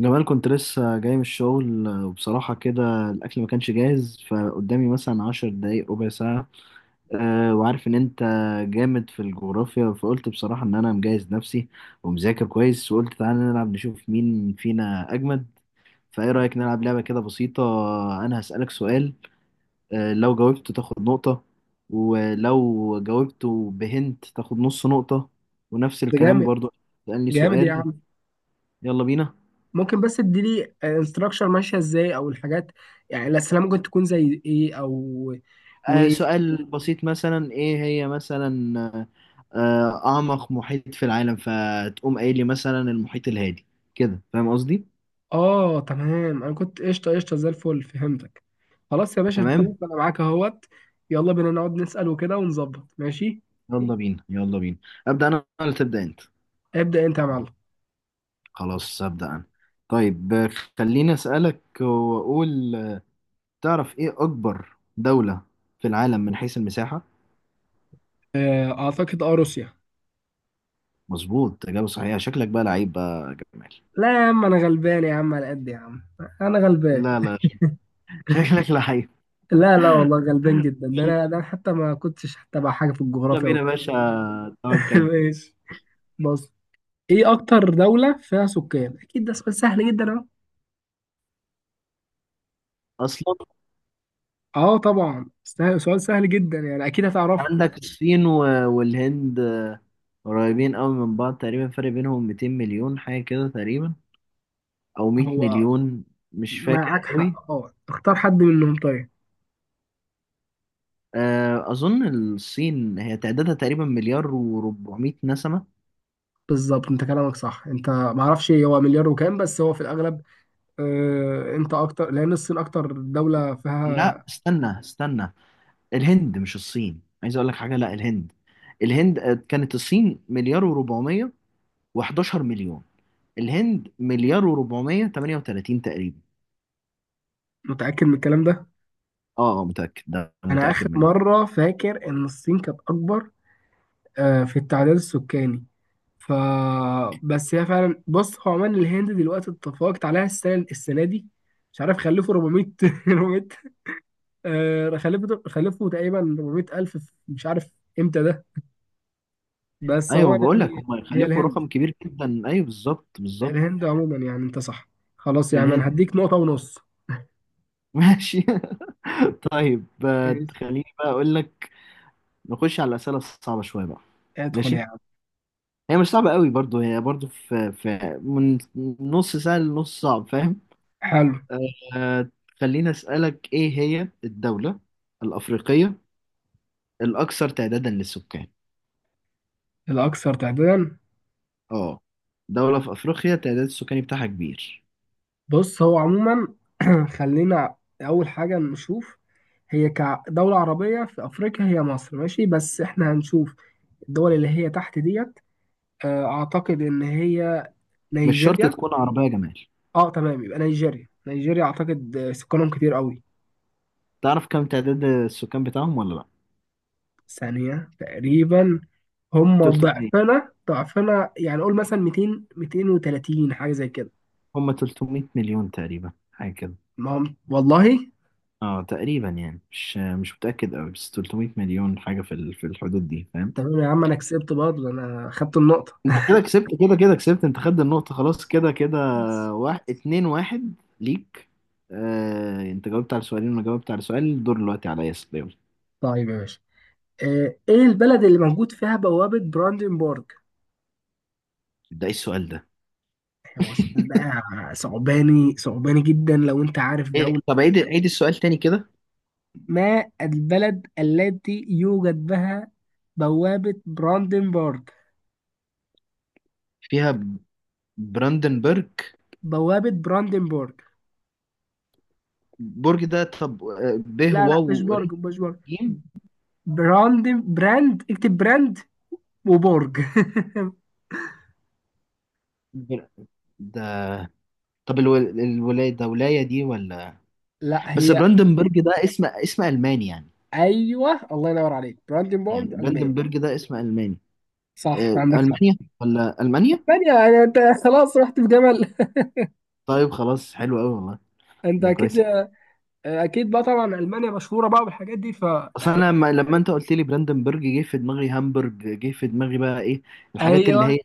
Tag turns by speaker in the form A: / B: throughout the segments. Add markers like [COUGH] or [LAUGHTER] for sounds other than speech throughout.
A: جمال كنت لسه جاي من الشغل وبصراحة كده الأكل ما كانش جاهز، فقدامي مثلا 10 دقايق ربع ساعة. وعارف إن أنت جامد في الجغرافيا، فقلت بصراحة إن أنا مجهز نفسي ومذاكر كويس، وقلت تعالى نلعب نشوف مين فينا أجمد. فإيه رأيك نلعب لعبة كده بسيطة؟ أنا هسألك سؤال، لو جاوبته تاخد نقطة، ولو جاوبته بهنت تاخد نص نقطة، ونفس
B: ده
A: الكلام
B: جامد.
A: برضو تسألني
B: جامد يا
A: سؤال.
B: عم.
A: يلا بينا.
B: ممكن بس تديلي انستراكشر ماشيه ازاي او الحاجات، يعني الاسئله ممكن تكون زي ايه. او و
A: سؤال بسيط مثلا، ايه هي مثلا اعمق محيط في العالم؟ فتقوم قايل لي مثلا المحيط الهادي. كده فاهم قصدي؟
B: اه، تمام، انا كنت قشطه قشطه زي الفل، فهمتك. خلاص يا باشا
A: تمام.
B: نشوف، انا معاك اهوت. يلا بينا نقعد نسال وكده ونظبط، ماشي.
A: يلا بينا يلا بينا. ابدا انا ولا تبدا انت؟
B: ابدا انت يا معلم.
A: خلاص ابدا انا. طيب خليني اسالك واقول تعرف ايه اكبر دولة في العالم من حيث المساحة؟
B: اعتقد روسيا.
A: مظبوط، اجابه صحيحه. شكلك بقى لعيب بقى يا جمال.
B: لا يا عم، انا غلبان يا عم، على قد يا عم، انا غلبان.
A: لا لا، شكلك لعيب.
B: لا، لا، والله غلبان جدا، ده
A: يلا
B: انا، ده أنا حتى ما كنتش حتى بقى حاجه في الجغرافيا
A: بينا يا
B: وكده.
A: باشا،
B: [LAUGHS]
A: توكل.
B: ماشي. بص، ايه اكتر دولة فيها سكان؟ اكيد ده سؤال سهل جدا.
A: اصلا
B: اهو، طبعا سهل، سؤال سهل جدا، يعني اكيد هتعرفه.
A: عندك الصين والهند، قريبين قوي من بعض، تقريبا فرق بينهم 200 مليون حاجة كده تقريبا، أو 100
B: هو
A: مليون، مش فاكر
B: معاك
A: قوي.
B: حق، اختار حد منهم طيب.
A: أظن الصين هي تعدادها تقريبا مليار و400 نسمة.
B: بالظبط، انت كلامك صح، انت معرفش هو مليار وكام بس هو في الاغلب. انت اكتر، لان الصين اكتر دولة
A: لا
B: فيها.
A: استنى استنى، الهند مش الصين، عايز أقول لك حاجة، لا الهند. الهند كانت الصين مليار و400 و11 مليون، الهند مليار و438 تقريبا.
B: متأكد من الكلام ده؟
A: اه متأكد، ده
B: انا اخر
A: متأكد منه.
B: مرة فاكر ان الصين كانت اكبر في التعداد السكاني. ف بس هي فعلا، بص هو عمان الهند دلوقتي اتفقت عليها السنه دي. مش عارف خلفوا 400، 400 [LAUGHS] خلفوا تقريبا 400 الف، مش عارف امتى ده، بس هو
A: ايوه بقول لك
B: يعني.
A: هم
B: هي
A: يخلفوا
B: الهند،
A: رقم كبير جدا، ايوه بالظبط بالظبط.
B: الهند عموما، يعني انت صح. خلاص يا عم
A: الهند.
B: انا هديك نقطه ونص. [LAUGHS]
A: [LAUGHS] ماشي. طيب
B: ماشي.
A: خليني بقى اقول لك، نخش على الاسئله الصعبه شويه بقى.
B: ادخل
A: ماشي،
B: يا عم.
A: هي مش صعبه قوي برضو، هي برضو في من نص سهل لنص صعب، فاهم؟
B: حلو.
A: آه. خليني اسالك، ايه هي الدوله الافريقيه الاكثر تعدادا للسكان؟
B: الاكثر تعدادا.
A: اه، دوله في افريقيا تعداد السكاني بتاعها كبير.
B: بص هو عموما، [CLEARS THROAT] خلينا اول حاجه نشوف. هي كدوله عربيه في افريقيا هي مصر، ماشي، بس احنا هنشوف الدول اللي هي تحت ديت. اعتقد ان هي
A: مش شرط
B: نيجيريا.
A: تكون عربيه يا جمال.
B: اه تمام، يبقى نيجيريا. نيجيريا اعتقد سكانهم كتير قوي.
A: تعرف كم تعداد السكان بتاعهم ولا لا؟
B: ثانية تقريبا. هم
A: 300،
B: ضعفنا ضعفنا، يعني قول مثلا 200، 230، حاجة زي كده.
A: هم 300 مليون تقريبا حاجة كده.
B: ما هم والله.
A: اه تقريبا يعني مش متأكد قوي، بس 300 مليون حاجة في الحدود دي، فاهم؟
B: تمام يا عم، انا كسبت برضه، ده انا خدت النقطة.
A: انت كده كسبت، كده كده كسبت، انت خدت النقطة، خلاص كده كده.
B: ماشي.
A: واحد اتنين واحد ليك. آه انت جاوبت على سؤالين، وانا جاوبت على سؤال، الدور دلوقتي عليا، يلا يلا.
B: طيب يا باشا، ايه البلد اللي موجود فيها بوابة براندنبورغ؟
A: ده ايه السؤال ده؟
B: هو سؤال بقى، صعباني صعباني جدا لو انت عارف.
A: إيه؟ طب عيد عيد السؤال تاني كده.
B: ما البلد التي يوجد بها بوابة براندنبورغ،
A: فيها براندنبرج؟
B: بوابة براندنبورغ.
A: برج؟ ده طب ب
B: لا لا، مش
A: واو ر
B: برج، مش برج.
A: ج.
B: براند، اكتب براند وبرج.
A: بر- ده طب الولاية، ده ولاية دي ولا؟
B: [LAUGHS] لا،
A: بس
B: هي
A: براندنبرج ده اسم الماني يعني.
B: ايوه، الله ينور عليك، براندنبورغ
A: يعني
B: ألمانيا.
A: براندنبرج ده اسم الماني.
B: صح، عندك حق.
A: المانيا ولا المانيا؟
B: المانيا يعني، انت خلاص رحت في جمل.
A: طيب خلاص، حلو قوي والله،
B: [LAUGHS] انت
A: ده
B: اكيد.
A: كويس أوي.
B: اكيد بقى، طبعا المانيا مشهوره بقى بالحاجات دي.
A: اصل انا لما انت قلت لي براندنبرج، جه في دماغي هامبرج، جه في دماغي بقى ايه، الحاجات اللي
B: ايوه
A: هي،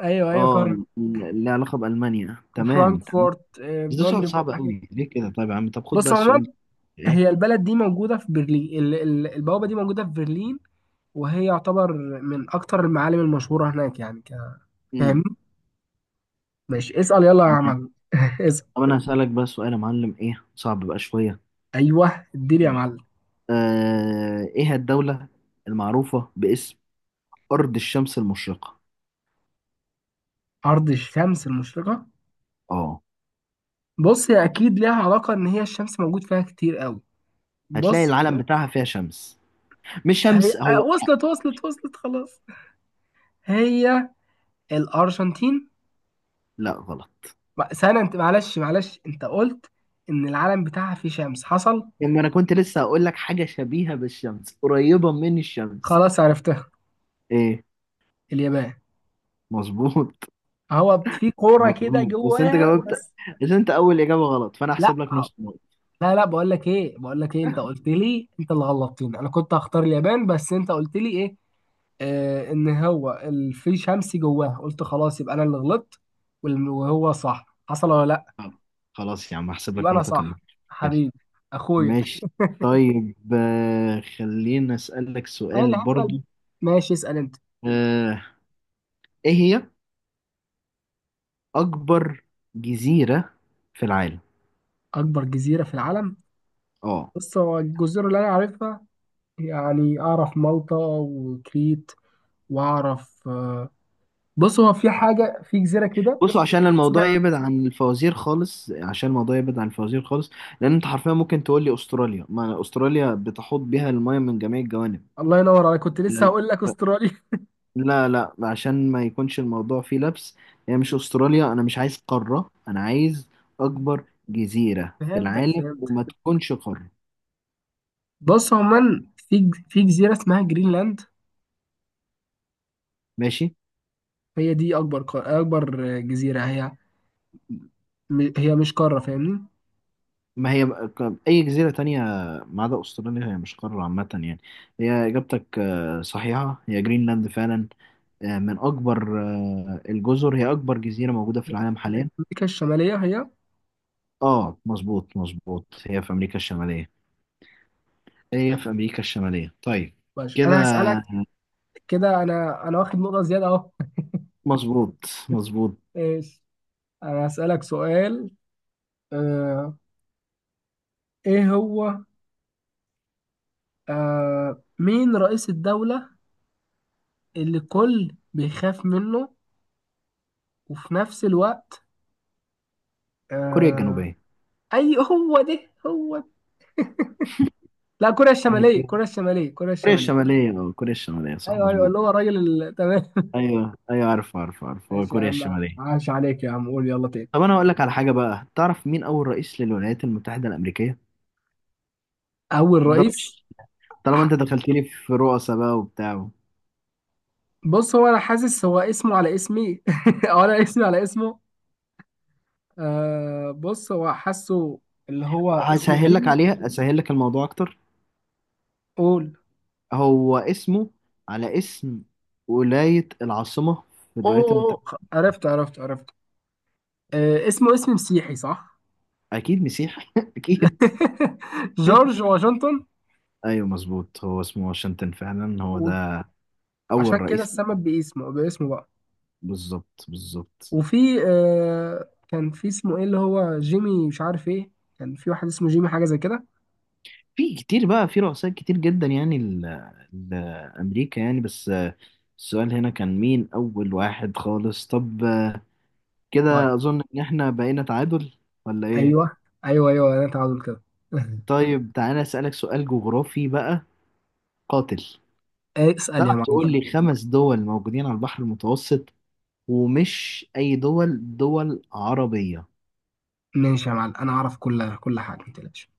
B: ايوه ايوه
A: اه
B: فاهم.
A: اللي علاقه بالمانيا، تمام تمام.
B: وفرانكفورت،
A: بس ده سؤال
B: براندنبورغ،
A: صعب
B: حاجات.
A: قوي ليه كده؟ طيب يا عم طب خد بقى
B: بص عموما،
A: السؤال ده.
B: هي
A: ايه؟
B: البلد دي موجودة في برلين، البوابة دي موجودة في برلين، وهي يعتبر من أكتر المعالم المشهورة هناك، يعني
A: امم.
B: فاهمني؟ ماشي اسأل، يلا يا
A: تمام.
B: عم، [LAUGHS] اسأل.
A: طب انا هسالك بقى سؤال يا معلم، ايه صعب بقى شويه.
B: أيوه، اديني يا معلم.
A: آه ايه الدوله المعروفه باسم أرض الشمس المشرقة؟
B: أرض الشمس المشرقة.
A: اه.
B: بص، هي أكيد ليها علاقة إن هي الشمس موجود فيها كتير قوي.
A: هتلاقي
B: بص
A: العلم، لا بتاعها فيها شمس، مش
B: هي،
A: شمس هو.
B: وصلت وصلت وصلت، خلاص. [LAUGHS] هي الأرجنتين.
A: لا غلط.
B: سنة أنت، معلش معلش، أنت قلت إن العلم بتاعها فيه شمس، حصل.
A: لما أنا كنت لسه هقول لك حاجة شبيهة بالشمس، قريبة من الشمس.
B: خلاص عرفتها،
A: إيه؟
B: اليابان.
A: مظبوط
B: هو في كوره كده
A: مظبوط، بس أنت
B: جواها
A: جاوبت،
B: بس.
A: بس أنت أول إجابة غلط، فأنا
B: لا
A: هحسب لك نص نقطة.
B: لا لا، بقول لك ايه، بقول لك ايه، انت قلت لي، انت اللي غلطتني، انا كنت هختار اليابان بس انت قلت لي ايه، ان هو في شمس جواها، قلت خلاص يبقى انا اللي غلطت. وهو صح حصل ولا لا؟
A: طب، خلاص يا عم هحسب
B: يبقى
A: لك
B: انا
A: نقطة كمان.
B: صح،
A: كده.
B: حبيبي، اخويا.
A: ماشي. طيب خلينا أسألك
B: انا
A: سؤال
B: اللي هسأل.
A: برضو.
B: ماشي اسأل انت.
A: آه، إيه هي أكبر جزيرة في العالم؟
B: اكبر جزيرة في العالم.
A: اه.
B: بص، هو الجزر اللي انا عارفها، يعني اعرف مالطا وكريت، واعرف بص هو في حاجة، في جزيرة كده.
A: بصوا عشان الموضوع
B: اسمع،
A: يبعد عن الفوازير خالص، عشان الموضوع يبعد عن الفوازير خالص، لان انت حرفيا ممكن تقول لي استراليا، ما استراليا بتحوط بها المايه من جميع الجوانب.
B: الله ينور عليك، كنت لسه هقول لك استراليا. [LAUGHS]
A: لا لا، عشان ما يكونش الموضوع فيه لبس، هي مش استراليا، انا مش عايز قارة، انا عايز اكبر جزيرة في
B: فهمتك
A: العالم،
B: فهمتك،
A: وما تكونش قارة.
B: بص عموما، في في جزيرة اسمها جرينلاند.
A: ماشي.
B: هي دي أكبر أكبر جزيرة، هي هي مش قارة، فاهمني.
A: ما هي اي جزيرة تانية ما عدا استراليا، هي مش قارة عامة يعني. هي اجابتك صحيحة، هي جرينلاند فعلا، من أكبر الجزر، هي أكبر جزيرة موجودة في العالم حاليا.
B: أمريكا الشمالية هي.
A: آه مظبوط مظبوط، هي في أمريكا الشمالية، هي في أمريكا الشمالية، طيب.
B: ماشي
A: كده.
B: أنا هسألك. كده أنا واخد نقطة زيادة أهو.
A: مظبوط مظبوط.
B: [LAUGHS] إيش. أنا هسألك سؤال، آه إيه هو، مين رئيس الدولة اللي الكل بيخاف منه وفي نفس الوقت
A: كوريا
B: آه
A: الجنوبية؟
B: أي، هو ده هو، لا، كوريا
A: يعني
B: الشمالية، كوريا الشمالية، كوريا
A: كوريا
B: الشمالية.
A: الشمالية أو كوريا الشمالية، صح
B: ايوه ايوه،
A: مظبوط.
B: اللي هو الراجل تمام.
A: أيوه أيوه، عارف عارف
B: [LAUGHS]
A: عارف، هو
B: ماشي يا
A: كوريا
B: عم،
A: الشمالية.
B: عاش عليك يا عم، قول يلا تاني.
A: طب أنا هقول لك على حاجة بقى، تعرف مين أول رئيس للولايات المتحدة الأمريكية؟
B: اول
A: ده
B: رئيس.
A: مش طالما
B: ح-
A: أنت دخلتني في رؤساء بقى وبتاع.
B: بص هو، انا حاسس هو اسمه على اسمي، [LAUGHS] او انا اسمي على اسمه. بص هو حاسه، اللي هو اسمه
A: هسهل لك
B: جيمي.
A: عليها، أسهل لك الموضوع أكتر،
B: قول.
A: هو اسمه على اسم ولاية العاصمة في
B: اوه،
A: الولايات المتحدة.
B: أوه، عرفت عرفت عرفت. اسمه اسم مسيحي صح.
A: أكيد مسيح [LAUGHS] أكيد.
B: [LAUGHS] جورج واشنطن.
A: أيوه مظبوط، هو اسمه واشنطن فعلا، هو
B: وعشان
A: ده أول
B: كده
A: رئيس.
B: اتسمى باسمه، باسمه بقى.
A: بالظبط بالظبط.
B: وفي، كان في اسمه ايه، اللي هو جيمي، مش عارف ايه، كان في واحد اسمه جيمي حاجه زي كده.
A: في كتير بقى، في رؤساء كتير جدا يعني لأمريكا يعني، بس السؤال هنا كان مين أول واحد خالص. طب
B: طيب.
A: كده أظن إن إحنا بقينا تعادل ولا إيه؟
B: ايوه، ايوه ايوه، انا تعادل كده. [LAUGHS]
A: طيب تعالى أسألك سؤال جغرافي بقى قاتل.
B: إيه، اسال
A: تعرف
B: يا معلم.
A: تقول لي 5 دول موجودين على البحر المتوسط، ومش أي دول، دول عربية.
B: ماشي يا معلم، انا اعرف كل حاجه، ما تقلقش.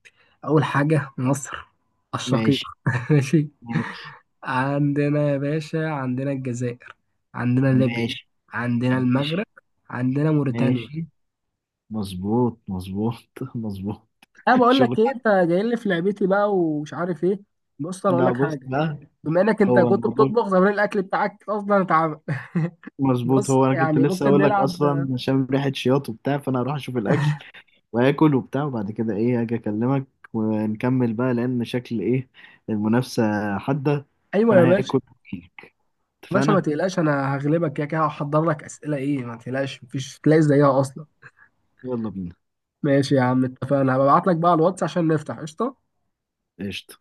B: اول حاجه مصر، الشقيق.
A: ماشي.
B: [LAUGHS] ماشي.
A: ماشي.
B: عندنا يا باشا، عندنا الجزائر، عندنا ليبيا،
A: ماشي.
B: عندنا المغرب،
A: ماشي.
B: عندنا موريتانيا.
A: ماشي. مظبوط مظبوط. [LAUGHS] مظبوط.
B: انا بقول
A: شغل.
B: لك ايه، انت جاي لي في لعبتي بقى ومش عارف ايه. بص انا اقول
A: لا
B: لك
A: بص
B: حاجه،
A: بقى.
B: بما انك انت
A: هو
B: كنت
A: الموضوع،
B: بتطبخ زمان، الاكل بتاعك اصلا اتعمل. [LAUGHS]
A: مظبوط،
B: بص
A: هو أنا كنت
B: يعني
A: لسه
B: ممكن
A: أقول لك
B: نلعب.
A: أصلا عشان ريحة شياط وبتاع، فأنا هروح أشوف الأكل وآكل وبتاع، وبعد كده إيه هاجي أكلمك ونكمل بقى، لأن شكل إيه، المنافسة حادة،
B: ايوه يا
A: فأنا
B: باشا،
A: هاكل
B: يا
A: وأجيلك.
B: باشا ما
A: اتفقنا.
B: تقلقش، انا هغلبك كده كده، هحضر لك اسئله ايه، ما تقلقش، مفيش تلاقي زيها اصلا.
A: يلا بينا.
B: ماشي يا عم، اتفقنا، هبعت لك بقى على الواتس عشان نفتح قشطه.
A: قشطة.